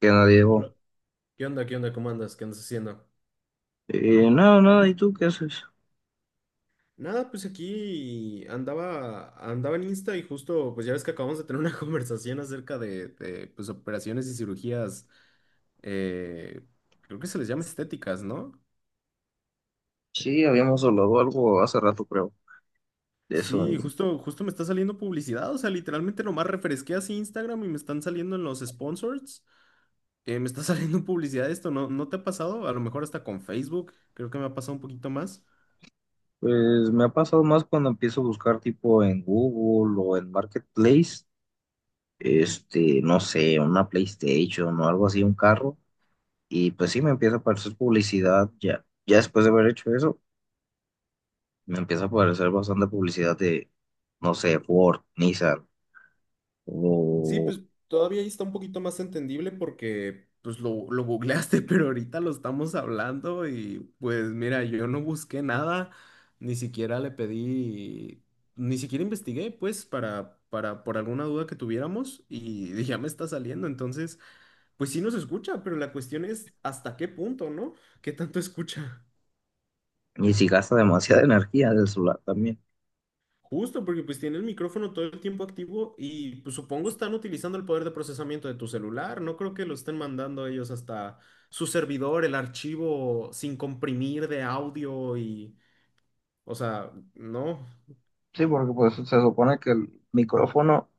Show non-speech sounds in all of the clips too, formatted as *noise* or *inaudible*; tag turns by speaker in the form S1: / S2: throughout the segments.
S1: Que nadie llegó.
S2: Hola. ¿Qué onda? ¿Qué onda? ¿Cómo andas? ¿Qué andas haciendo?
S1: Nada, nada, ¿y tú qué haces?
S2: Nada, pues aquí andaba, andaba en Insta y justo, pues ya ves que acabamos de tener una *laughs* conversación acerca pues, operaciones y cirugías, eh, creo que se les llama estéticas, ¿no?
S1: Sí, habíamos hablado algo hace rato, creo, de eso.
S2: Sí,
S1: Y
S2: justo, justo me está saliendo publicidad, o sea, literalmente nomás refresqué así Instagram y me están saliendo en los sponsors, me está *laughs* saliendo publicidad de esto, ¿no? ¿No te ha pasado? A lo mejor hasta con Facebook, creo que me ha pasado un poquito más.
S1: pues me ha pasado más cuando empiezo a buscar tipo en Google o en Marketplace, no sé, una PlayStation o algo así, un carro. Y pues sí, me empieza a aparecer publicidad ya. Ya después de haber hecho eso, me empieza a aparecer bastante publicidad de, no sé, Ford, Nissan
S2: Sí,
S1: o...
S2: pues todavía ahí está un poquito más entendible porque pues lo googleaste, *laughs* pero ahorita lo estamos hablando y pues mira, yo no busqué nada, ni siquiera le pedí, ni siquiera investigué pues por alguna duda que tuviéramos y *laughs* ya me está saliendo, entonces pues sí nos escucha, pero la cuestión es hasta qué punto, ¿no? ¿Qué tanto escucha?
S1: Y si gasta demasiada *laughs* energía del celular también.
S2: Justo porque pues tiene el micrófono todo el tiempo activo y pues supongo están utilizando el poder de procesamiento de tu celular. No creo que lo estén mandando ellos hasta su servidor, el archivo sin comprimir de audio y, o sea, no,
S1: Sí, porque pues se supone que el micrófono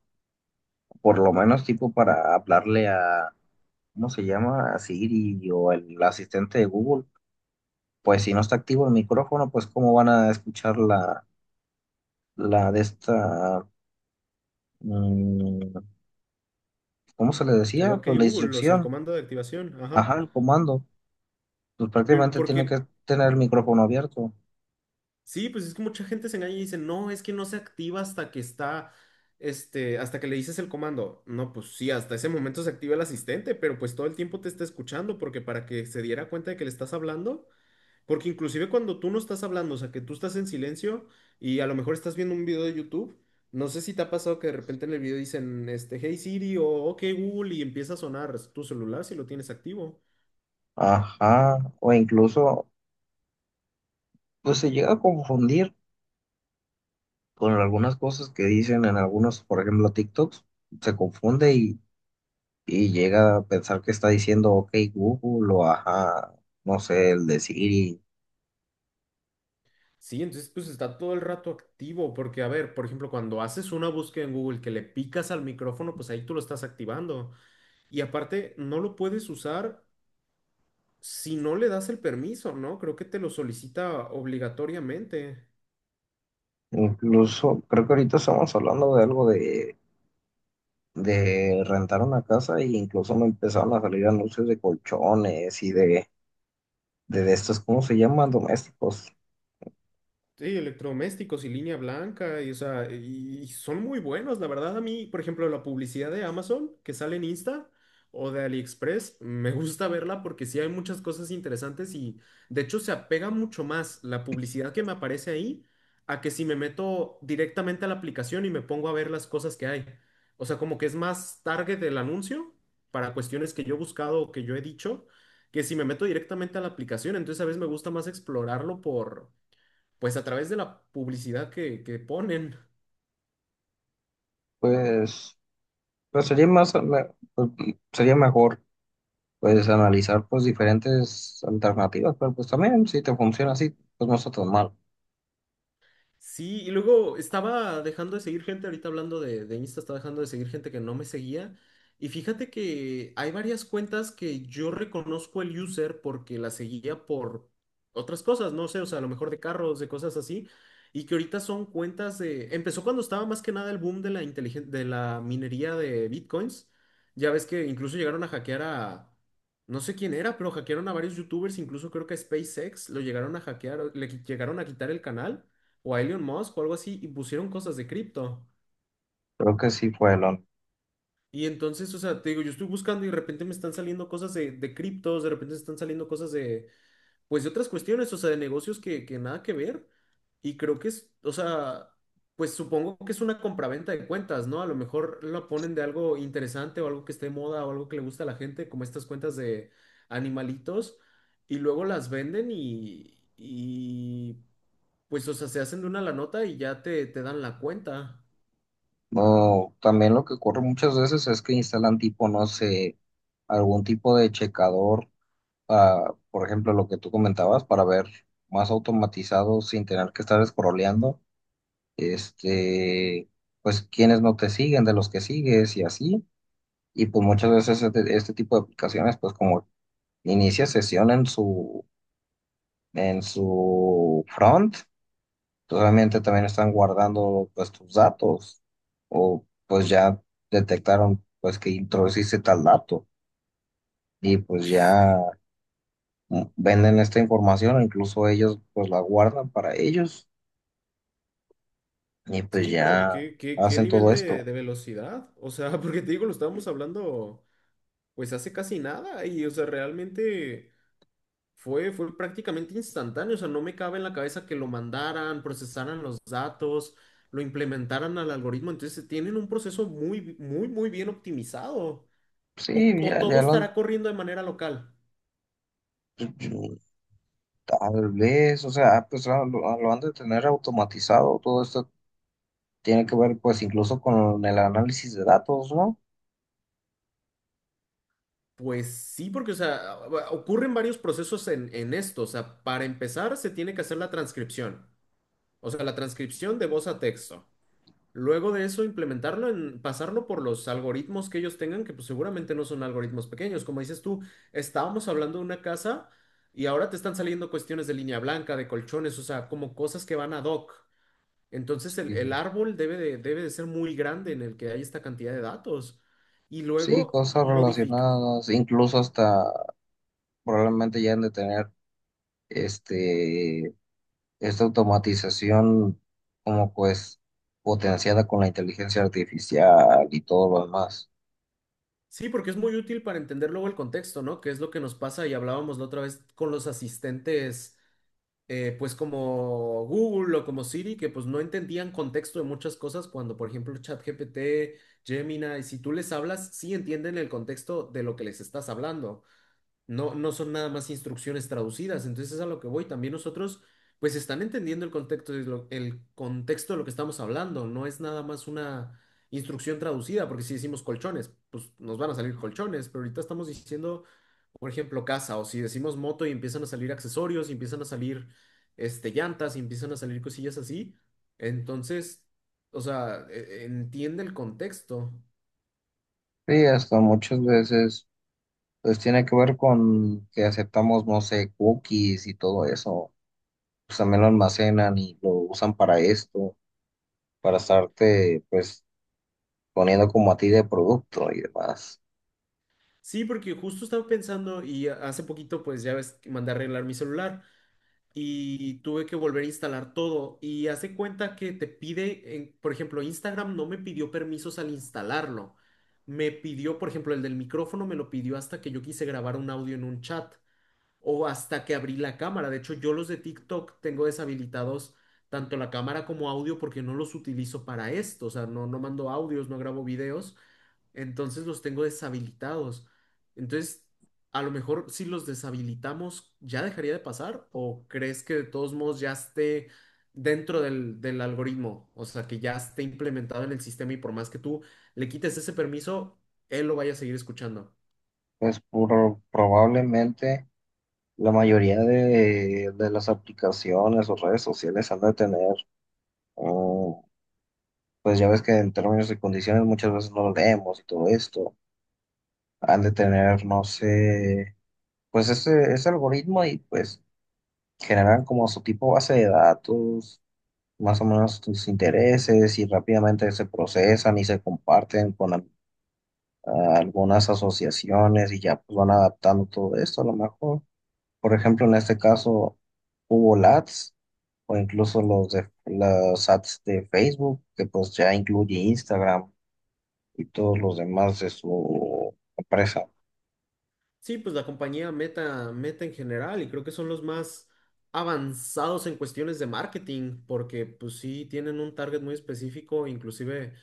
S1: por lo menos tipo para hablarle a, ¿cómo se llama? A Siri o el asistente de Google, pues si no está activo el micrófono, pues cómo van a escuchar la, la de esta, mm, ¿cómo se le
S2: el
S1: decía?
S2: OK
S1: Pues la
S2: Google, o sea, el
S1: instrucción,
S2: comando de activación, ajá.
S1: ajá, el comando, pues prácticamente
S2: Porque
S1: tiene que tener el micrófono abierto,
S2: sí, pues es que mucha gente se engaña y dice, no, es que no se activa hasta que está, hasta que le dices el comando. No, pues sí, hasta ese momento se activa el asistente, pero pues todo el tiempo te está escuchando porque para que se diera cuenta de que le estás hablando. Porque inclusive cuando tú no estás hablando, o sea, que tú estás en silencio y a lo mejor estás viendo un video de YouTube, no sé si te ha pasado que de repente en el video dicen, Hey Siri o OK Google y empieza a sonar tu celular si lo tienes activo.
S1: ajá, o incluso, pues se llega a confundir con algunas cosas que dicen en algunos, por ejemplo, TikToks, se confunde y llega a pensar que está diciendo, ok, Google o ajá, no sé, el de Siri.
S2: Sí, entonces pues está todo el rato activo, porque a ver, por ejemplo, cuando haces una búsqueda en Google que le picas al micrófono, pues ahí tú lo estás activando. Y aparte, no lo puedes usar si no le das el permiso, ¿no? Creo que te lo solicita obligatoriamente.
S1: Incluso creo que ahorita estamos hablando de algo de rentar una casa e incluso me empezaron a salir anuncios de colchones y de, de estos, ¿cómo se llaman? Domésticos.
S2: Sí, electrodomésticos y línea blanca, y, o sea, y son muy buenos, la verdad. A mí, por ejemplo, la publicidad de Amazon que sale en Insta o de AliExpress, me gusta verla porque sí hay muchas cosas interesantes y de hecho se apega mucho más la publicidad que me aparece ahí a que si me meto directamente a la aplicación y me pongo a ver las cosas que hay. O sea, como que es más target del anuncio para cuestiones que yo he buscado o que yo he dicho, que si me meto directamente a la aplicación, entonces a veces me gusta más explorarlo por pues a través de la publicidad que ponen.
S1: Pues, pues sería más, pues, sería mejor pues analizar pues diferentes alternativas, pero pues también si te funciona así, pues no está tan mal.
S2: Sí, y luego estaba dejando de seguir gente, ahorita hablando de Insta, estaba dejando de seguir gente que no me seguía. Y fíjate que hay varias cuentas que yo reconozco el user porque la seguía por otras cosas, no sé, o sea, a lo mejor de carros, de cosas así, y que ahorita son cuentas de... Empezó cuando estaba más que nada el boom de la de la minería de bitcoins. Ya ves que incluso llegaron a hackear a... No sé quién era, pero hackearon a varios youtubers, incluso creo que a SpaceX lo llegaron a hackear, llegaron a quitar el canal o a Elon Musk o algo así y pusieron cosas de cripto.
S1: Creo que sí fue.
S2: Y entonces, o sea, te digo, yo estoy buscando y de repente me están saliendo cosas de criptos, de repente me están saliendo cosas de, pues de otras cuestiones, o sea, de negocios que nada que ver. Y creo que es, o sea, pues supongo que es una compraventa de cuentas, ¿no? A lo mejor lo ponen de algo interesante o algo que esté de moda o algo que le gusta a la gente, como estas cuentas de animalitos, y luego las venden y pues, o sea, se hacen de una la nota y ya te dan la cuenta.
S1: No, también lo que ocurre muchas veces es que instalan tipo, no sé, algún tipo de checador, ah, por ejemplo, lo que tú comentabas, para ver más automatizado sin tener que estar scrolleando, este, pues quienes no te siguen, de los que sigues y así. Y pues muchas veces este tipo de aplicaciones, pues como inicia sesión en su front. Realmente también están guardando pues tus datos o pues ya detectaron pues que introduciste tal dato y pues ya venden esta información o incluso ellos pues la guardan para ellos y pues
S2: Sí, pero
S1: ya
S2: ¿ qué
S1: hacen
S2: nivel
S1: todo esto.
S2: de velocidad? O sea, *laughs* porque te digo, lo estábamos hablando pues hace casi nada y, o sea, realmente fue prácticamente instantáneo. O sea, no me cabe en la cabeza que lo mandaran, procesaran los datos, lo implementaran al algoritmo. Entonces, tienen un proceso muy, muy, muy bien optimizado. O,
S1: Sí,
S2: o
S1: ya,
S2: todo estará corriendo de manera local.
S1: tal vez, o sea, pues lo, lo han de tener automatizado, todo esto tiene que ver pues incluso con el análisis de datos, ¿no?
S2: Pues sí, porque, o sea, ocurren varios procesos en esto. O sea, para empezar, se tiene que hacer la transcripción. O sea, la transcripción de voz a texto. Luego de eso, implementarlo en pasarlo por los algoritmos que ellos tengan, que pues seguramente no son algoritmos pequeños. Como dices tú, estábamos hablando de una casa y ahora te están saliendo cuestiones de línea blanca, de colchones, o sea, como cosas que van ad hoc. Entonces el
S1: Sí,
S2: árbol debe de ser muy grande en el que hay esta cantidad de datos. Y
S1: sí,
S2: luego
S1: cosas
S2: modifica.
S1: relacionadas, incluso hasta probablemente ya han de tener este, esta automatización como pues potenciada con la inteligencia artificial y todo lo demás.
S2: Sí, porque es muy útil para entender luego el contexto, ¿no? Que es lo que nos pasa y hablábamos la otra vez con los asistentes, pues como Google o como Siri, que pues no entendían contexto de muchas cosas cuando, por ejemplo, ChatGPT, Gemini, si tú les hablas, sí entienden el contexto de lo que les estás hablando. No, no son nada más instrucciones traducidas. Entonces es a lo que voy. También nosotros, pues, están entendiendo el contexto de lo, el contexto de lo que estamos hablando. No es nada más una instrucción traducida, porque si decimos colchones, pues nos van a salir colchones. Pero ahorita estamos diciendo, por ejemplo, casa, o si decimos moto y empiezan a salir accesorios, y empiezan a salir llantas, y empiezan a salir cosillas así. Entonces, o sea, entiende el contexto.
S1: Sí, hasta muchas veces pues tiene que ver con que aceptamos, no sé, cookies y todo eso. Pues también lo almacenan y lo usan para esto, para estarte pues poniendo como a ti de producto y demás.
S2: Sí, porque justo estaba pensando y hace poquito pues ya ves que mandé a arreglar mi celular y tuve que volver a instalar todo y hace cuenta que te pide, por ejemplo, Instagram no me pidió permisos al instalarlo. Me pidió, por ejemplo, el del micrófono me lo pidió hasta que yo quise grabar un audio en un chat o hasta que abrí la cámara. De hecho, yo los de TikTok tengo deshabilitados tanto la cámara como audio porque no los utilizo para esto. O sea, no, no mando audios, no grabo videos. Entonces los tengo deshabilitados. Entonces, a lo mejor si los deshabilitamos, ¿ya dejaría de pasar? ¿O crees que de todos modos ya esté dentro del algoritmo? O sea, que ya esté implementado en el sistema y por más que tú le quites ese permiso, él lo vaya a seguir escuchando.
S1: Probablemente. La mayoría de las aplicaciones o redes sociales han de tener, mm, pues ya ves que en términos y condiciones muchas veces no lo leemos y todo esto, han de tener, no sé, pues ese algoritmo y pues generan como su tipo base de datos, más o menos tus intereses y rápidamente se procesan y se comparten con algunas asociaciones y ya pues van adaptando todo esto a lo mejor. Por ejemplo, en este caso hubo LATs o incluso los de las ads de Facebook, que pues ya incluye Instagram y todos los demás de su empresa.
S2: Sí, pues la compañía Meta, Meta en general, y creo que son los más avanzados en cuestiones de marketing, porque pues sí tienen un target muy específico, inclusive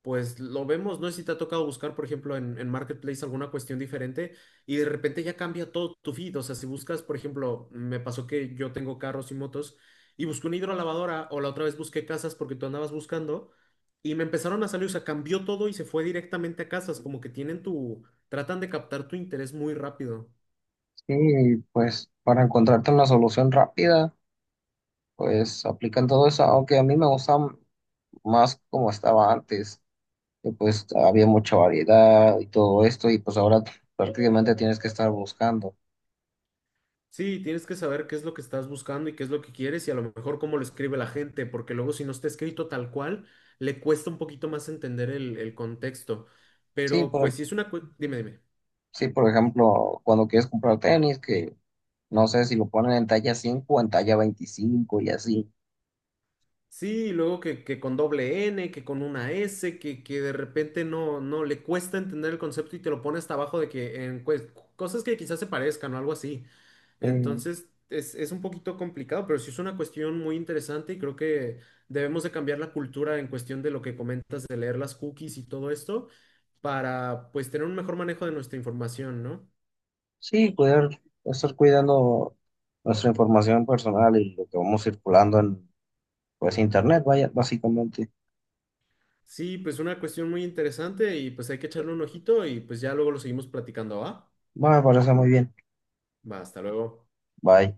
S2: pues lo vemos, no sé si te ha tocado buscar, por ejemplo, en Marketplace alguna cuestión diferente y de repente ya cambia todo tu feed. O sea, si buscas, por ejemplo, me pasó que yo tengo carros y motos y busqué una hidrolavadora o la otra vez busqué casas porque tú andabas buscando y me empezaron a salir, o sea, cambió todo y se fue directamente a casas, como que tienen tu, tratan de captar tu interés muy rápido.
S1: Sí, pues para encontrarte una solución rápida, pues aplican todo eso, aunque a mí me gusta más como estaba antes, que pues había mucha variedad y todo esto, y pues ahora prácticamente tienes que estar buscando.
S2: Sí, tienes que saber qué es lo que estás buscando y qué es lo que quieres y a lo mejor cómo lo escribe la gente, porque luego si no está escrito tal cual, le cuesta un poquito más entender el contexto.
S1: Sí,
S2: Pero
S1: por,
S2: pues si es una... Dime, dime.
S1: sí, por ejemplo, cuando quieres comprar tenis, que no sé si lo ponen en talla 5 o en talla 25 y así.
S2: Sí, y luego que con doble N, que con una S, que de repente no, no le cuesta entender el concepto y te lo pone hasta abajo de que en cosas que quizás se parezcan o algo así.
S1: Eh,
S2: Entonces es un poquito complicado, pero sí es una cuestión muy interesante y creo que debemos de cambiar la cultura en cuestión de lo que comentas de leer las cookies y todo esto para pues tener un mejor manejo de nuestra información, ¿no?
S1: sí, cuidar, estar cuidando nuestra información personal y lo que vamos circulando en pues internet, vaya, básicamente.
S2: Sí, pues una cuestión muy interesante y pues hay que echarle un ojito y pues ya luego lo seguimos platicando, ¿va?
S1: Va, me parece muy bien.
S2: Va, hasta luego.
S1: Bye.